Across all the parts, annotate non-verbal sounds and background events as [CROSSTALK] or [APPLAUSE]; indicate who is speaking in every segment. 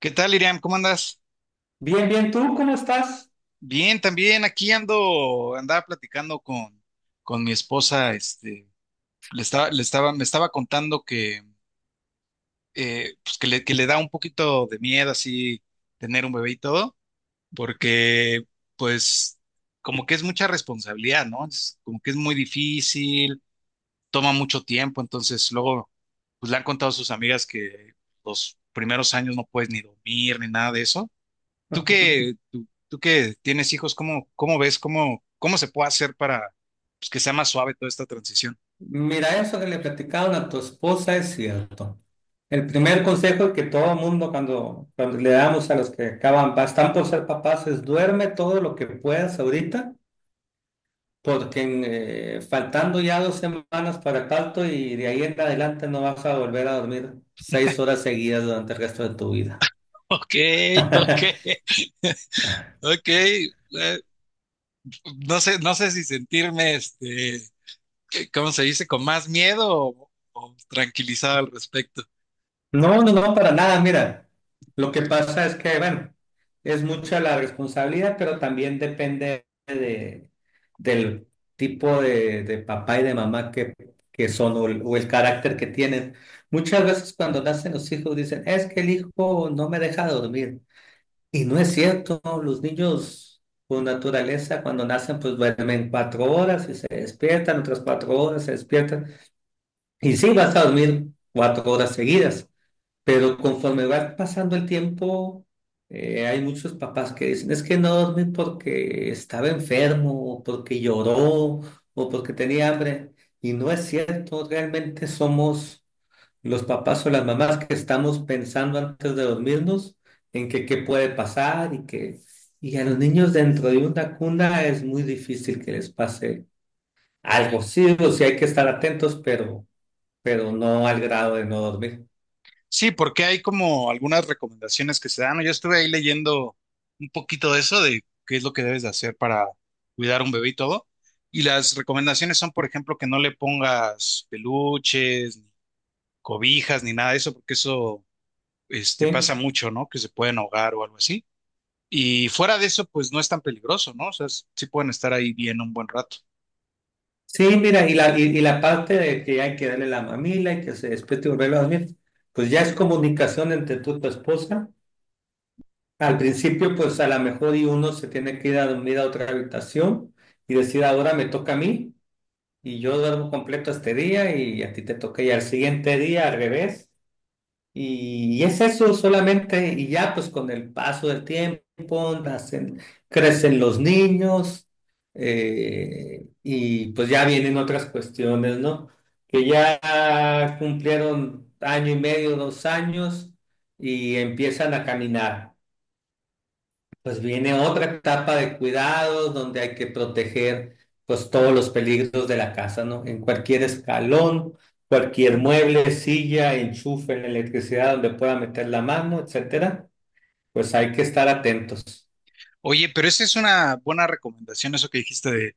Speaker 1: ¿Qué tal, Iriam? ¿Cómo andas?
Speaker 2: Bien, bien, ¿tú cómo estás?
Speaker 1: Bien, también aquí ando, andaba platicando con mi esposa, me estaba contando que, pues que le da un poquito de miedo así tener un bebé y todo, porque pues como que es mucha responsabilidad, ¿no? Es como que es muy difícil, toma mucho tiempo, entonces luego, pues le han contado a sus amigas que los primeros años no puedes ni dormir ni nada de eso.
Speaker 2: [LAUGHS]
Speaker 1: Tú que tienes hijos, ¿cómo ves, cómo se puede hacer para pues, que sea más suave toda esta transición? [LAUGHS]
Speaker 2: Mira, eso que le platicaron a tu esposa es cierto. El primer consejo que todo mundo cuando le damos a los que acaban, están por ser papás, es duerme todo lo que puedas ahorita, porque faltando ya 2 semanas para el parto y de ahí en adelante no vas a volver a dormir 6 horas seguidas durante el resto de tu vida.
Speaker 1: Ok, ok,
Speaker 2: [LAUGHS]
Speaker 1: ok. No sé si sentirme, ¿cómo se dice? ¿Con más miedo o tranquilizado al respecto?
Speaker 2: No, no, no, para nada. Mira, lo que pasa es que, bueno, es mucha la responsabilidad, pero también depende del tipo de papá y de mamá que son o o el carácter que tienen. Muchas veces cuando nacen los hijos dicen, es que el hijo no me deja dormir. Y no es cierto, los niños por naturaleza cuando nacen pues duermen 4 horas y se despiertan, otras 4 horas se despiertan. Y sí, vas a dormir 4 horas seguidas pero conforme va pasando el tiempo, hay muchos papás que dicen, es que no dormí porque estaba enfermo, o porque lloró, o porque tenía hambre. Y no es cierto, realmente somos los papás o las mamás que estamos pensando antes de dormirnos en que qué puede pasar y que... Y a los niños dentro de una cuna es muy difícil que les pase algo. Sí, o sí hay que estar atentos, pero no al grado de no dormir.
Speaker 1: Sí, porque hay como algunas recomendaciones que se dan, ¿no? Yo estuve ahí leyendo un poquito de eso, de qué es lo que debes de hacer para cuidar un bebé y todo. Y las recomendaciones son, por ejemplo, que no le pongas peluches, cobijas ni nada de eso, porque eso, pasa
Speaker 2: ¿Sí?
Speaker 1: mucho, ¿no? Que se pueden ahogar o algo así. Y fuera de eso, pues no es tan peligroso, ¿no? O sea, sí pueden estar ahí bien un buen rato.
Speaker 2: Sí, mira, y la parte de que hay que darle la mamila y que se despierte y volverlo a dormir, pues ya es comunicación entre tú y tu esposa. Al principio, pues a lo mejor y uno se tiene que ir a dormir a otra habitación y decir, ahora me toca a mí y yo duermo completo este día y a ti te toca ya el siguiente día al revés. Y es eso solamente, y ya pues con el paso del tiempo nacen, crecen los niños, y pues ya vienen otras cuestiones, ¿no? Que ya cumplieron año y medio, dos años, y empiezan a caminar. Pues viene otra etapa de cuidados donde hay que proteger pues todos los peligros de la casa, ¿no? En cualquier escalón, cualquier mueble, silla, enchufe, en la electricidad donde pueda meter la mano, etcétera, pues hay que estar atentos.
Speaker 1: Oye, pero esa es una buena recomendación, eso que dijiste de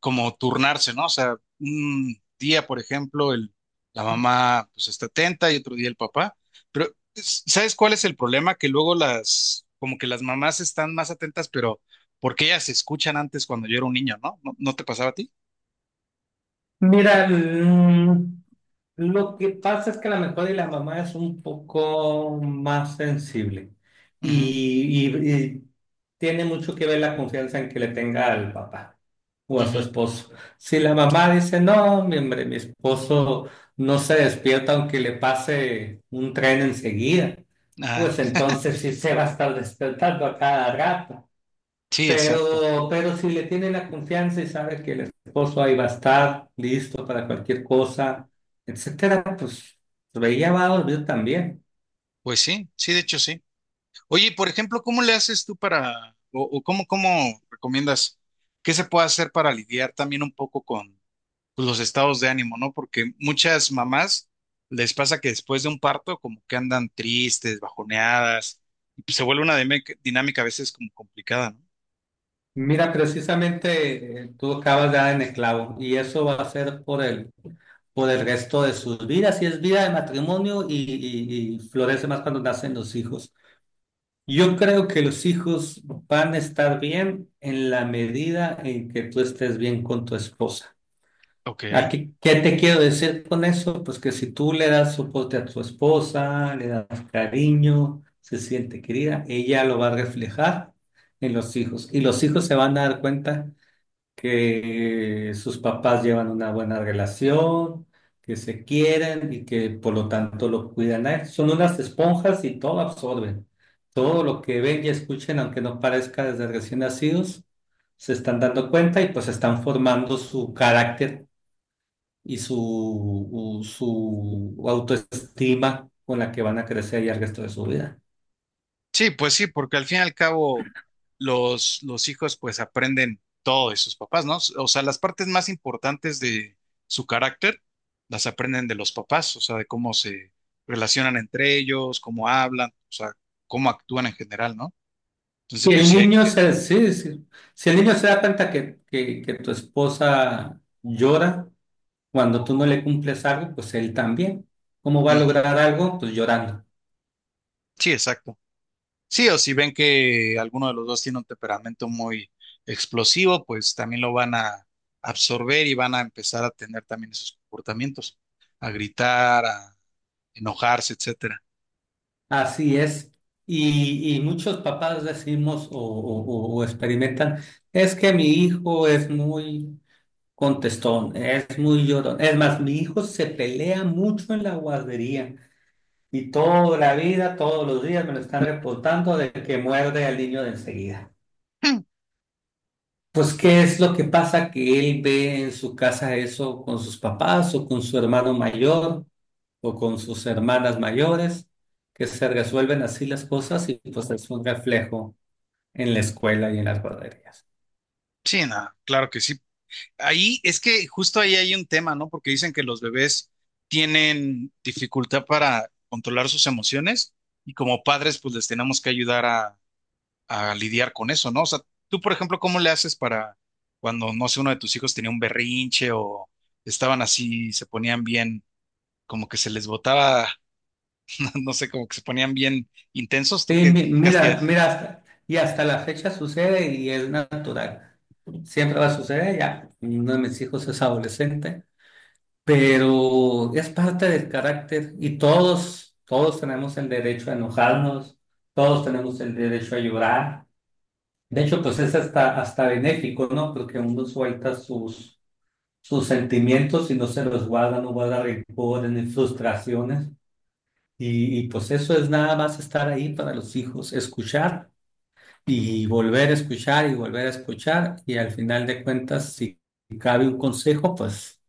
Speaker 1: como turnarse, ¿no? O sea, un día, por ejemplo, la mamá pues está atenta y otro día el papá. Pero, ¿sabes cuál es el problema? Que luego las, como que las mamás están más atentas, pero porque ellas se escuchan antes cuando yo era un niño, ¿no? ¿No, no te pasaba a ti?
Speaker 2: Mira, lo que pasa es que la mejor y la mamá es un poco más sensible
Speaker 1: Ujú,
Speaker 2: y tiene mucho que ver la confianza en que le tenga al papá o a su
Speaker 1: ujú.
Speaker 2: esposo. Si la mamá dice, no, mi hombre, mi esposo no se despierta aunque le pase un tren enseguida,
Speaker 1: Ajá.
Speaker 2: pues entonces sí se va a estar despertando a cada rato.
Speaker 1: Sí, exacto.
Speaker 2: Pero si le tiene la confianza y sabe que el esposo ahí va a estar listo para cualquier cosa, etcétera, pues ella va a dormir también.
Speaker 1: Pues sí, sí, de hecho sí. Oye, y por ejemplo, ¿cómo le haces tú para, o cómo, cómo recomiendas, qué se puede hacer para lidiar también un poco con pues, los estados de ánimo, ¿no? Porque muchas mamás les pasa que después de un parto como que andan tristes, bajoneadas, y pues, se vuelve una dinámica a veces como complicada, ¿no?
Speaker 2: Mira, precisamente tú acabas de dar en el clavo y eso va a ser por por el resto de sus vidas, y es vida de matrimonio y, y florece más cuando nacen los hijos. Yo creo que los hijos van a estar bien en la medida en que tú estés bien con tu esposa.
Speaker 1: Ok.
Speaker 2: Aquí, ¿qué te quiero decir con eso? Pues que si tú le das soporte a tu esposa, le das cariño, se siente querida, ella lo va a reflejar en los hijos y los hijos se van a dar cuenta que sus papás llevan una buena relación, que se quieren y que por lo tanto lo cuidan a él. Son unas esponjas y todo absorben. Todo lo que ven y escuchen, aunque no parezca desde recién nacidos, se están dando cuenta y pues están formando su carácter y su autoestima con la que van a crecer ya el resto de su vida.
Speaker 1: Sí, pues sí, porque al fin y al cabo los hijos pues aprenden todo de sus papás, ¿no? O sea, las partes más importantes de su carácter las aprenden de los papás, o sea, de cómo se relacionan entre ellos, cómo hablan, o sea, cómo actúan en general, ¿no? Entonces, pues sí hay que estar.
Speaker 2: Sí, sí. Si el niño se da cuenta que tu esposa llora, cuando tú no le cumples algo, pues él también. ¿Cómo va a
Speaker 1: Ujú.
Speaker 2: lograr algo? Pues llorando.
Speaker 1: Sí, exacto. Sí, o si ven que alguno de los dos tiene un temperamento muy explosivo, pues también lo van a absorber y van a empezar a tener también esos comportamientos, a gritar, a enojarse, etcétera.
Speaker 2: Así es. Y muchos papás decimos o experimentan, es que mi hijo es muy contestón, es muy llorón. Es más, mi hijo se pelea mucho en la guardería y toda la vida, todos los días me lo están reportando de que muerde al niño de enseguida.
Speaker 1: Mm,
Speaker 2: Pues, ¿qué es lo que pasa? Que él ve en su casa eso con sus papás o con su hermano mayor o con sus hermanas mayores, que se resuelven así las cosas y pues es un reflejo en la escuela y en las guarderías.
Speaker 1: sí, no, claro que sí. Ahí es que justo ahí hay un tema, ¿no? Porque dicen que los bebés tienen dificultad para controlar sus emociones y como padres pues les tenemos que ayudar a lidiar con eso, ¿no? O sea, tú, por ejemplo, ¿cómo le haces para cuando, no sé, uno de tus hijos tenía un berrinche o estaban así, se ponían bien, como que se les botaba, [LAUGHS] no sé, como que se ponían bien intensos? ¿Tú
Speaker 2: Sí,
Speaker 1: qué, qué hacías?
Speaker 2: y hasta la fecha sucede y es natural. Siempre va a suceder, ya uno de mis hijos es adolescente, pero es parte del carácter y todos tenemos el derecho a enojarnos, todos tenemos el derecho a llorar. De hecho, pues es hasta benéfico, ¿no? Porque uno suelta sus sus sentimientos y no se los guarda, no guarda rencores ni frustraciones. Pues eso es nada más estar ahí para los hijos, escuchar y volver a escuchar y volver a escuchar. Y al final de cuentas, si cabe un consejo,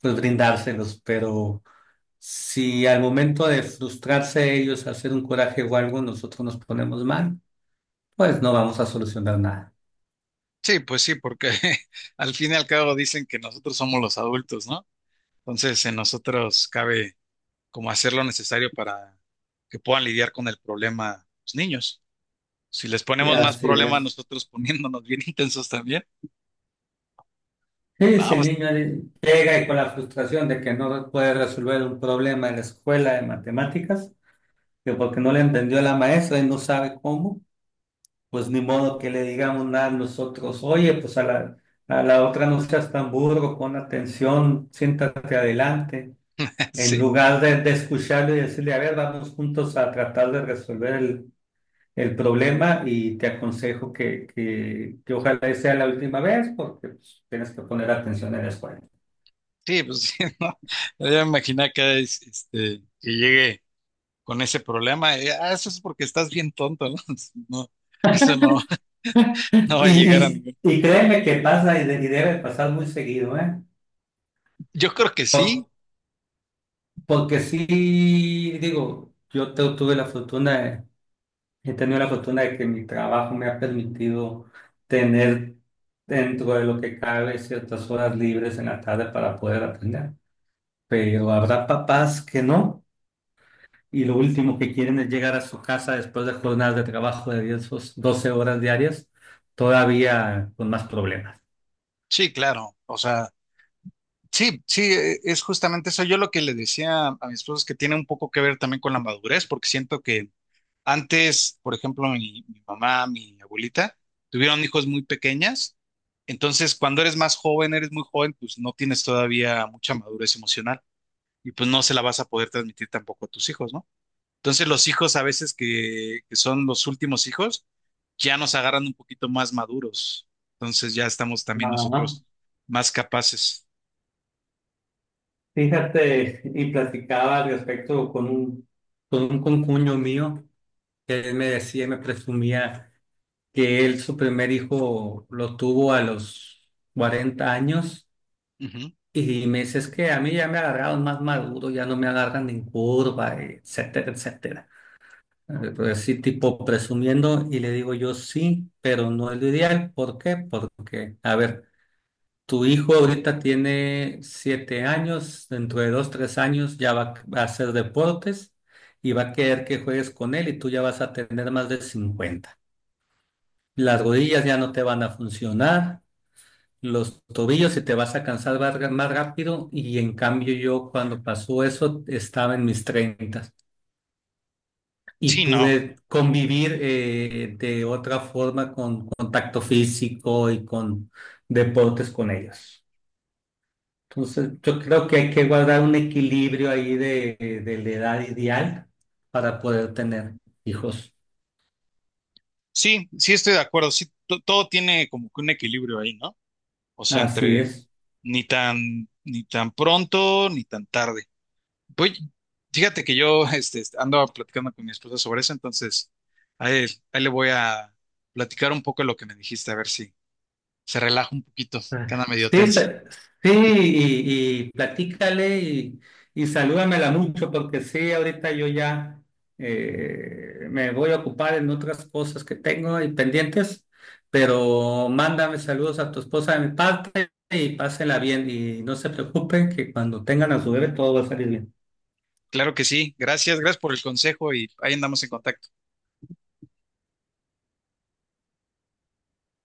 Speaker 2: pues brindárselos. Pero si al momento de frustrarse ellos, hacer un coraje o algo, nosotros nos ponemos mal, pues no vamos a solucionar nada.
Speaker 1: Sí, pues sí, porque [LAUGHS] al fin y al cabo dicen que nosotros somos los adultos, ¿no? Entonces, en nosotros cabe como hacer lo necesario para que puedan lidiar con el problema los niños. Si les
Speaker 2: Y
Speaker 1: ponemos más
Speaker 2: así
Speaker 1: problema
Speaker 2: es.
Speaker 1: nosotros poniéndonos bien [LAUGHS] intensos también,
Speaker 2: Sí, si el
Speaker 1: vamos,
Speaker 2: niño llega y con la frustración de que no puede resolver un problema en la escuela de matemáticas, que porque no le entendió la maestra y no sabe cómo, pues ni modo que le digamos nada a nosotros, oye, pues a a la otra no seas tan burro, pon atención, siéntate adelante,
Speaker 1: [LAUGHS]
Speaker 2: en
Speaker 1: sí,
Speaker 2: lugar de escucharlo y decirle, a ver, vamos juntos a tratar de resolver el problema y te aconsejo que ojalá y sea la última vez porque pues, tienes que poner atención en la escuela.
Speaker 1: sí, pues sí, [LAUGHS] ¿no? Yo me imaginé que, que llegue con ese problema. Eso es porque estás bien tonto, ¿no? [LAUGHS] No, eso no, [LAUGHS]
Speaker 2: Y,
Speaker 1: no va a llegar a
Speaker 2: y,
Speaker 1: ningún.
Speaker 2: y créeme que pasa y debe pasar muy seguido, ¿eh?
Speaker 1: Yo creo que sí,
Speaker 2: Por- Porque sí, digo, tuve la fortuna, he tenido la fortuna de que mi trabajo me ha permitido tener dentro de lo que cabe ciertas horas libres en la tarde para poder aprender. Pero habrá papás que no, y lo último que quieren es llegar a su casa después de jornadas de trabajo de 10 o 12 horas diarias, todavía con más problemas.
Speaker 1: sí, claro. O sea. Sí, sí, es justamente eso. Yo lo que le decía a mi esposo es que tiene un poco que ver también con la madurez, porque siento que antes, por ejemplo, mi mamá, mi abuelita, tuvieron hijos muy pequeñas. Entonces, cuando eres más joven, eres muy joven, pues no tienes todavía mucha madurez emocional y pues no se la vas a poder transmitir tampoco a tus hijos, ¿no? Entonces, los hijos a veces que son los últimos hijos, ya nos agarran un poquito más maduros. Entonces, ya estamos también
Speaker 2: Ajá.
Speaker 1: nosotros más capaces.
Speaker 2: Fíjate, y platicaba al respecto con un concuño mío, que él me decía, y me presumía que él su primer hijo lo tuvo a los 40 años
Speaker 1: Ujú.
Speaker 2: y me dice, es que a mí ya me agarraron más maduro, ya no me agarran en curva, etcétera, etcétera. Pues sí, tipo presumiendo y le digo yo sí, pero no es lo ideal. ¿Por qué? Porque, a ver. Tu hijo ahorita tiene siete años, dentro de dos, tres años ya va a hacer deportes y va a querer que juegues con él y tú ya vas a tener más de 50. Las rodillas ya no te van a funcionar, los tobillos y te vas a cansar más rápido y en cambio yo cuando pasó eso estaba en mis 30 y
Speaker 1: Sí, no.
Speaker 2: pude convivir de otra forma con contacto físico y con deportes con ellos. Entonces, yo creo que hay que guardar un equilibrio ahí de la edad ideal para poder tener hijos.
Speaker 1: Sí, sí estoy de acuerdo. Sí, todo tiene como que un equilibrio ahí, ¿no? O sea,
Speaker 2: Así
Speaker 1: entre
Speaker 2: es.
Speaker 1: ni tan, ni tan pronto, ni tan tarde. Voy, fíjate que yo [LAUGHS] ando platicando con mi esposa sobre eso, entonces ahí, ahí le voy a platicar un poco de lo que me dijiste, a ver si se relaja un poquito,
Speaker 2: Ah,
Speaker 1: que anda medio
Speaker 2: Sí,
Speaker 1: tensa.
Speaker 2: sa- sí, y platícale y salúdamela mucho, porque sí, ahorita yo ya me voy a ocupar en otras cosas que tengo y pendientes, pero mándame saludos a tu esposa de mi parte y pásenla bien y no se preocupen que cuando tengan a su bebé todo va a salir bien.
Speaker 1: Claro que sí, gracias, gracias por el consejo y ahí andamos en contacto.